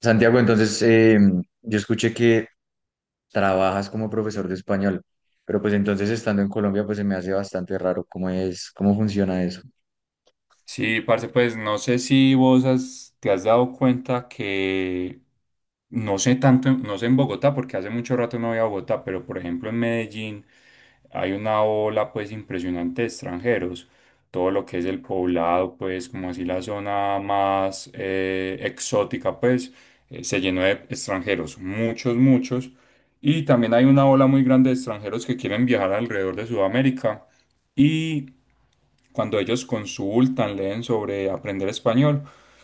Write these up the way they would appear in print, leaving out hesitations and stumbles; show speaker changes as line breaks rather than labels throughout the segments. Santiago, entonces yo escuché que trabajas como profesor de español, pero pues entonces estando en Colombia pues se me hace bastante raro cómo es, cómo funciona eso.
Sí, parce, pues no sé si te has dado cuenta que no sé tanto, no sé en Bogotá, porque hace mucho rato no voy a Bogotá, pero por ejemplo en Medellín hay una ola pues impresionante de extranjeros. Todo lo que es el poblado, pues como así la zona más exótica, pues se llenó de extranjeros, muchos, muchos. Y también hay una ola muy grande de extranjeros que quieren viajar alrededor de Sudamérica. Y cuando ellos consultan, leen sobre aprender español,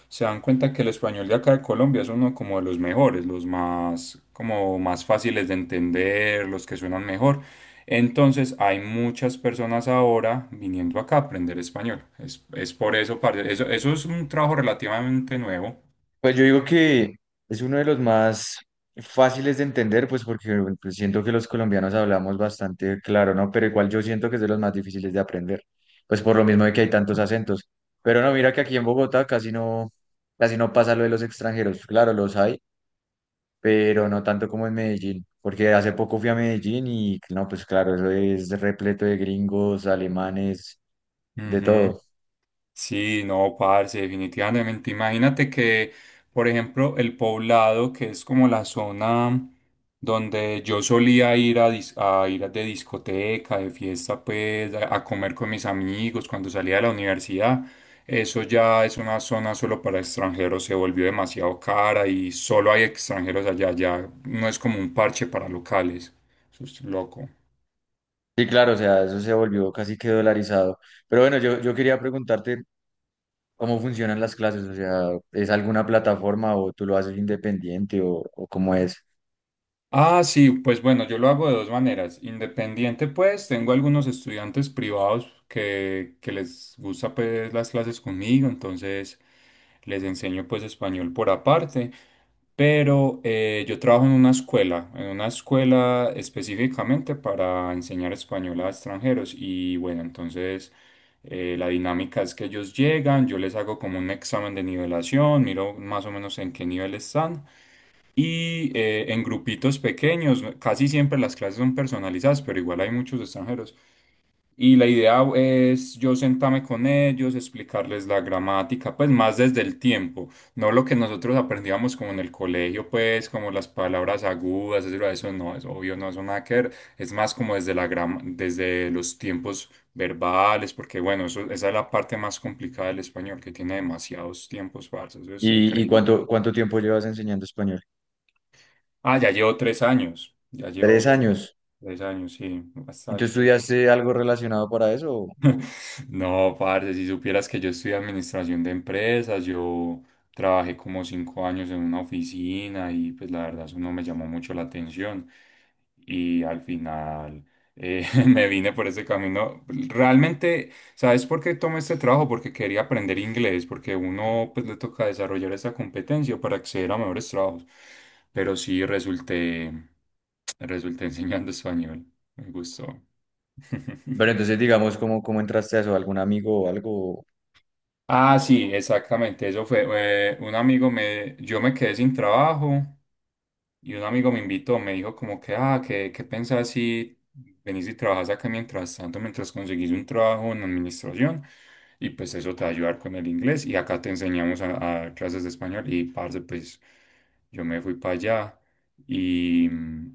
se dan cuenta que el español de acá de Colombia es uno como de los mejores, los más, como más fáciles de entender, los que suenan mejor. Entonces hay muchas personas ahora viniendo acá a aprender español. Es por eso, parce, eso es un trabajo relativamente nuevo.
Pues yo digo que es uno de los más fáciles de entender, pues porque pues, siento que los colombianos hablamos bastante claro, ¿no? Pero igual yo siento que es de los más difíciles de aprender, pues por lo mismo de que hay tantos acentos. Pero no, mira que aquí en Bogotá casi no pasa lo de los extranjeros. Claro, los hay pero no tanto como en Medellín, porque hace poco fui a Medellín y no, pues claro, eso es repleto de gringos, alemanes, de
Ujú.
todo.
Sí, no, parce, definitivamente. Imagínate que, por ejemplo, el Poblado, que es como la zona donde yo solía ir a, a ir de discoteca, de fiesta, pues, a comer con mis amigos cuando salía de la universidad, eso ya es una zona solo para extranjeros, se volvió demasiado cara y solo hay extranjeros allá, ya no es como un parche para locales. Eso es loco.
Sí, claro, o sea, eso se volvió casi que dolarizado. Pero bueno, yo quería preguntarte cómo funcionan las clases, o sea, ¿es alguna plataforma o tú lo haces independiente o cómo es?
Ah, sí, pues bueno, yo lo hago de dos maneras. Independiente, pues, tengo algunos estudiantes privados que les gusta pues las clases conmigo, entonces les enseño pues español por aparte, pero yo trabajo en una escuela específicamente para enseñar español a extranjeros y bueno, entonces la dinámica es que ellos llegan, yo les hago como un examen de nivelación, miro más o menos en qué nivel están y en grupitos pequeños, casi siempre las clases son personalizadas, pero igual hay muchos extranjeros. Y la idea es yo sentarme con ellos, explicarles la gramática, pues más desde el tiempo, no lo que nosotros aprendíamos como en el colegio, pues como las palabras agudas, etcétera, eso no es obvio, no es nada que ver, es más como desde la desde los tiempos verbales, porque bueno, eso, esa es la parte más complicada del español, que tiene demasiados tiempos falsos, eso es
¿Y, y
increíble.
cuánto, cuánto tiempo llevas enseñando español?
Ah, ya llevo 3 años.
Tres años.
3 años, sí,
¿Y tú
bastante.
estudiaste algo relacionado para eso?
No, parce, si supieras que yo estudié administración de empresas, yo trabajé como 5 años en una oficina y pues la verdad eso no me llamó mucho la atención y al final me vine por ese camino. Realmente, ¿sabes por qué tomé este trabajo? Porque quería aprender inglés, porque uno pues le toca desarrollar esa competencia para acceder a mejores trabajos, pero sí resulté, resulté enseñando español, me gustó.
Bueno, entonces digamos, ¿cómo, cómo entraste a eso? ¿Algún amigo o algo?
Ah, sí, exactamente, eso fue. Yo me quedé sin trabajo y un amigo me invitó, me dijo como que, ah, ¿qué pensás si venís y trabajás acá mientras tanto, mientras conseguís un trabajo en administración? Y pues eso te va a ayudar con el inglés y acá te enseñamos a dar clases de español y parce, pues yo me fui para allá y,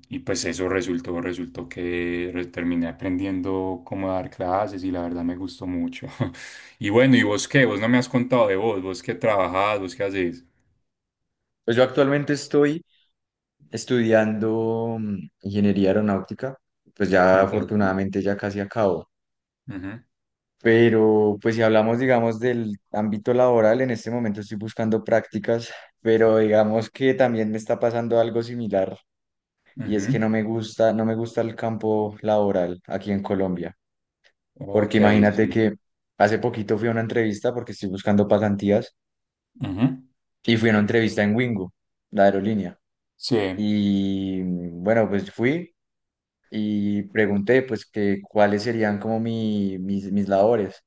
y pues eso resultó, terminé aprendiendo cómo dar clases y la verdad me gustó mucho. Y bueno, ¿y vos qué? Vos no me has contado de vos, vos qué trabajás, vos qué haces.
Pues yo actualmente estoy estudiando ingeniería aeronáutica, pues ya
Entonces,
afortunadamente ya casi acabo.
ujú,
Pero pues si hablamos, digamos, del ámbito laboral, en este momento estoy buscando prácticas, pero digamos que también me está pasando algo similar y es que
ujú.
no me gusta, no me gusta el campo laboral aquí en Colombia,
Ok,
porque imagínate
sí.
que hace poquito fui a una entrevista porque estoy buscando pasantías
Ujú.
y fui a una entrevista en Wingo, la aerolínea.
Sí.
Y bueno, pues fui, y pregunté pues que cuáles serían como mis labores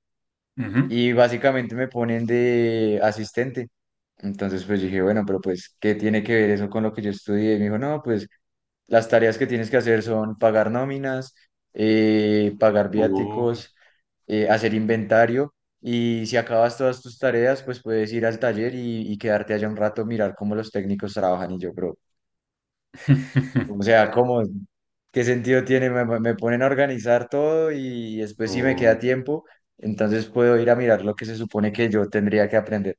Ujú.
y básicamente me ponen de asistente. Entonces pues dije, bueno, pero pues ¿qué tiene que ver eso con lo que yo estudié? Y me dijo, no, pues las tareas que tienes que hacer son pagar nóminas, pagar
Uh.
viáticos, hacer inventario y si acabas todas tus tareas pues puedes ir al taller y quedarte allá un rato, mirar cómo los técnicos trabajan y yo, bro. O sea, ¿cómo? ¿Qué sentido tiene? Me ponen a organizar todo y después si me queda
Oh,
tiempo, entonces puedo ir a mirar lo que se supone que yo tendría que aprender.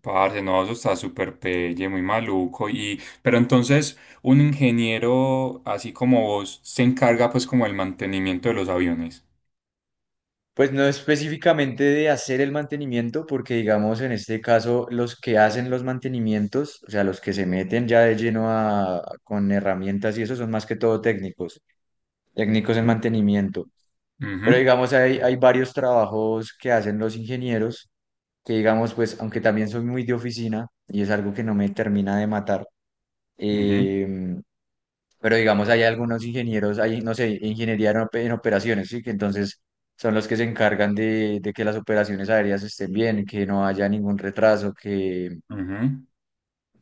parce, no, eso está súper pelle, muy maluco. Y, pero entonces, un ingeniero así como vos se encarga pues como el mantenimiento de los aviones.
Pues no específicamente de hacer el mantenimiento, porque digamos en este caso los que hacen los mantenimientos, o sea, los que se meten ya de lleno a, con herramientas y eso son más que todo técnicos, técnicos en mantenimiento. Pero digamos hay, hay varios trabajos que hacen los ingenieros que digamos, pues, aunque también soy muy de oficina y es algo que no me termina de matar,
Ujú, ujú,
eh, pero digamos, hay algunos ingenieros, hay, no sé, ingeniería en en operaciones, ¿sí? Que entonces son los que se encargan de que las operaciones aéreas estén bien, que no haya ningún retraso, que...
ujú.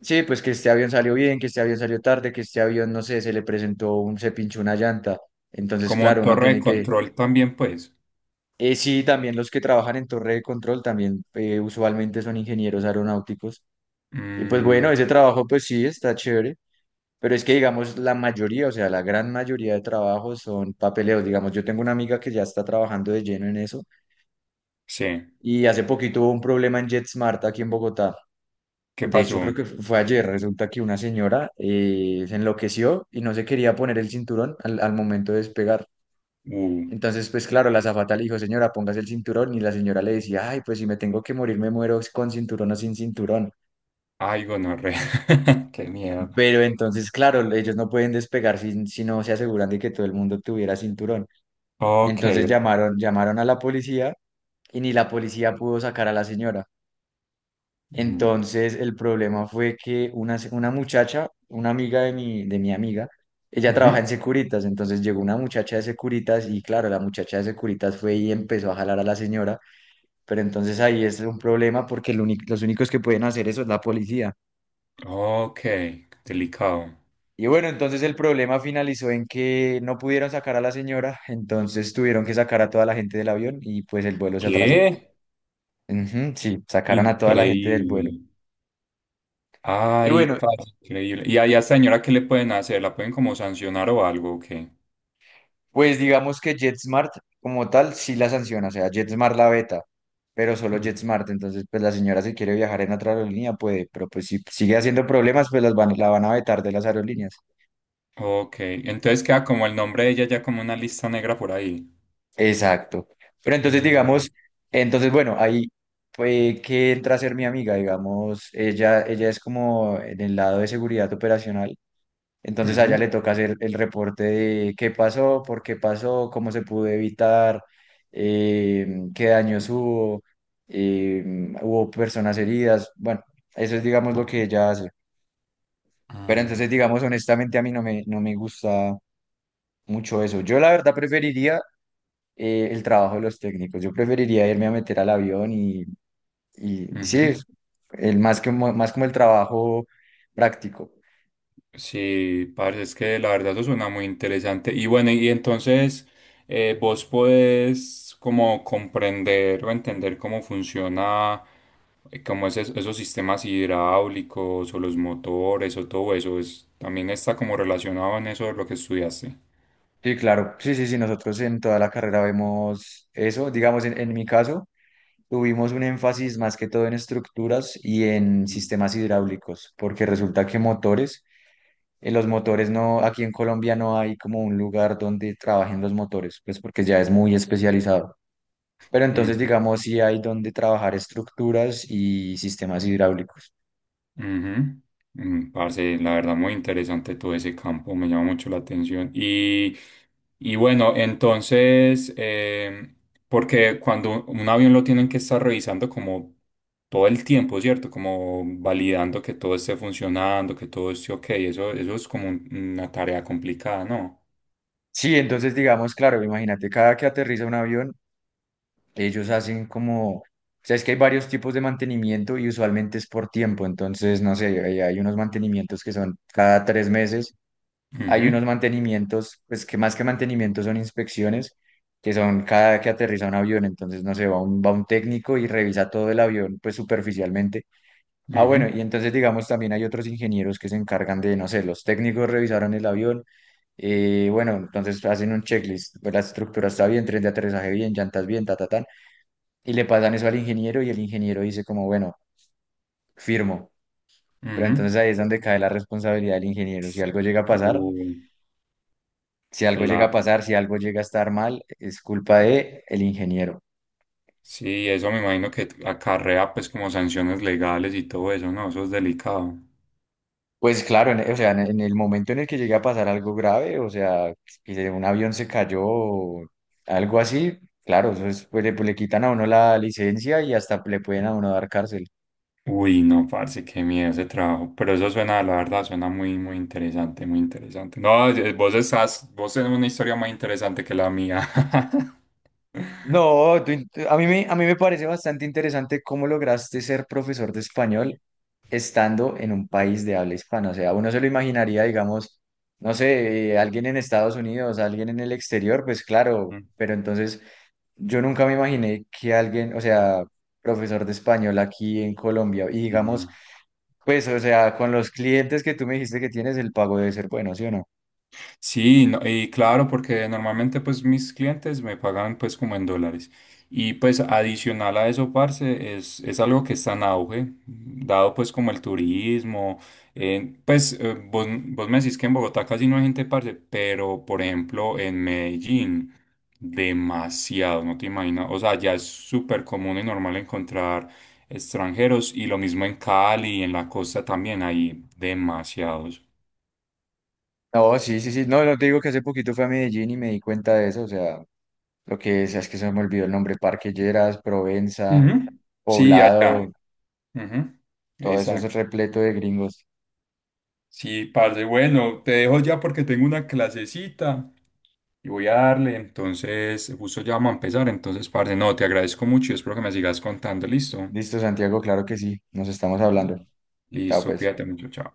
Sí, pues que este avión salió bien, que este avión salió tarde, que este avión, no sé, se le presentó un, se pinchó una llanta. Entonces,
Como
claro,
en
uno
torre de
tiene que...
control también, pues.
sí, también los que trabajan en torre de control también usualmente son ingenieros aeronáuticos. Y pues bueno,
Mm,
ese trabajo pues sí está chévere, pero es que digamos la mayoría, o sea, la gran mayoría de trabajos son papeleos. Digamos, yo tengo una amiga que ya está trabajando de lleno en eso
sí.
y hace poquito hubo un problema en JetSmart aquí en Bogotá.
¿Qué
De hecho,
pasó?
creo que fue ayer. Resulta que una señora se enloqueció y no se quería poner el cinturón al momento de despegar.
Uh,
Entonces, pues claro, la azafata le dijo, señora, póngase el cinturón y la señora le decía, ay, pues si me tengo que morir, me muero con cinturón o sin cinturón.
ay, gonorrea. Qué miedo.
Pero entonces, claro, ellos no pueden despegar si, si no se aseguran de que todo el mundo tuviera cinturón.
Ok.
Entonces
Ok.
llamaron, llamaron a la policía y ni la policía pudo sacar a la señora.
Mm,
Entonces el problema fue que una, una muchacha, una amiga de mi amiga, ella trabaja
ujú.
en Securitas, entonces llegó una muchacha de Securitas y claro, la muchacha de Securitas fue y empezó a jalar a la señora, pero entonces ahí es un problema porque los únicos que pueden hacer eso es la policía.
Ok, delicado.
Y bueno, entonces el problema finalizó en que no pudieron sacar a la señora, entonces tuvieron que sacar a toda la gente del avión y pues el vuelo se atrasó.
¿Qué?
Ujú, sí, sacaron a toda la gente del vuelo.
Increíble.
Y
Ay,
bueno,
parce, increíble. ¿Y a esa señora qué le pueden hacer? ¿La pueden como sancionar o algo? Ok.
pues digamos que JetSmart como tal sí la sanciona, o sea, JetSmart la veta, pero solo
Mm.
JetSmart, entonces pues la señora si quiere viajar en otra aerolínea puede, pero pues si sigue haciendo problemas pues las van, la van a vetar de las aerolíneas.
Ok, entonces queda como el nombre de ella ya como una lista negra por ahí.
Exacto. Pero entonces, digamos,
Mm.
entonces, bueno, ahí fue que entra a ser mi amiga, digamos, ella es como en el lado de seguridad operacional, entonces a ella le
Ujú.
toca hacer el reporte de qué pasó, por qué pasó, cómo se pudo evitar, eh, qué daños hubo, eh, hubo personas heridas, bueno, eso es, digamos, lo que ella hace. Pero
Ah,
entonces, digamos, honestamente, a mí no me gusta mucho eso. Yo la verdad preferiría el trabajo de los técnicos. Yo preferiría irme a meter al avión y sí,
ujú.
es el, más que, más como el trabajo práctico.
Sí, parce, es que la verdad eso suena muy interesante. Y bueno, y entonces vos podés como comprender o entender cómo funciona como esos, esos sistemas hidráulicos o los motores o todo eso, es, también está como relacionado en eso de lo que estudiaste.
Sí, claro, sí, sí, sí, nosotros en toda la carrera vemos eso. Digamos, en mi caso, tuvimos un énfasis más que todo en estructuras y en
Mm.
sistemas hidráulicos, porque resulta que motores, en los motores no, aquí en Colombia no hay como un lugar donde trabajen los motores, pues porque ya es muy especializado. Pero entonces,
Mm,
digamos, sí hay donde trabajar estructuras y sistemas hidráulicos.
ujú. Mm, parce, la verdad, muy interesante todo ese campo, me llama mucho la atención. Y bueno, entonces, porque cuando un avión lo tienen que estar revisando como todo el tiempo, ¿cierto? Como validando que todo esté funcionando, que todo esté ok, eso es como una tarea complicada, ¿no?
Sí, entonces, digamos, claro, imagínate, cada que aterriza un avión, ellos hacen como, o sea, es que hay varios tipos de mantenimiento y usualmente es por tiempo. Entonces, no sé, hay unos mantenimientos que son cada tres meses, hay unos
Ujú,
mantenimientos, pues que más que mantenimientos son inspecciones, que son cada que aterriza un avión. Entonces, no sé, va un técnico y revisa todo el avión, pues superficialmente. Ah, bueno,
ujú.
y entonces digamos también hay otros ingenieros que se encargan de, no sé, los técnicos revisaron el avión, bueno, entonces hacen un checklist, pues, la estructura está bien, tren de aterrizaje bien, llantas bien, ta, ta, tan, y le pasan eso al ingeniero y el ingeniero dice como, bueno, firmo, pero entonces
Ujú.
ahí es donde cae la responsabilidad del ingeniero, si algo llega a pasar,
Uh,
si algo llega a
claro.
pasar, si algo llega a estar mal, es culpa de el ingeniero.
Sí, eso me imagino que acarrea pues como sanciones legales y todo eso, ¿no? Eso es delicado.
Pues claro, en- o sea, en el momento en el que llegue a pasar algo grave, o sea, que un avión se cayó o algo así, claro, eso es, pues, le quitan a uno la licencia y hasta le pueden a uno dar cárcel.
Uy, no, parce, qué miedo ese trabajo. Pero eso suena, la verdad, suena muy, muy interesante, muy interesante. No, vos estás, vos tenés una historia más interesante que la mía.
No, a mí me parece bastante interesante cómo lograste ser profesor de español estando en un país de habla hispana. O sea, uno se lo imaginaría, digamos, no sé, alguien en Estados Unidos, alguien en el exterior, pues claro, pero entonces... Yo nunca me imaginé que alguien, o sea, profesor de español aquí en Colombia, y digamos,
Ujú.
pues, o sea, con los clientes que tú me dijiste que tienes, el pago debe ser bueno, ¿sí o no?
Sí, y claro, porque normalmente pues mis clientes me pagan pues como en dólares. Y pues adicional a eso, parce, es algo que está en auge, dado pues como el turismo. Vos, vos me decís que en Bogotá casi no hay gente, parce, pero por ejemplo en Medellín, demasiado, no te imaginas. O sea, ya es súper común y normal encontrar extranjeros y lo mismo en Cali, en la costa también hay demasiados.
No, sí, sí, sí. No, no te digo que hace poquito fui a Medellín y me di cuenta de eso, o sea, lo que es que se me olvidó el nombre, Parque Lleras, Provenza,
Ujú. Sí, allá.
Poblado,
Ujú,
todo eso es
exacto.
repleto de gringos.
Sí, parce, bueno, te dejo ya porque tengo una clasecita y voy a darle, entonces justo ya vamos a empezar, entonces parce, no, te agradezco mucho y espero que me sigas contando, listo.
Listo, Santiago, claro que sí, nos estamos hablando.
Vale.
Chao,
Listo,
pues.
cuídate mucho, chao.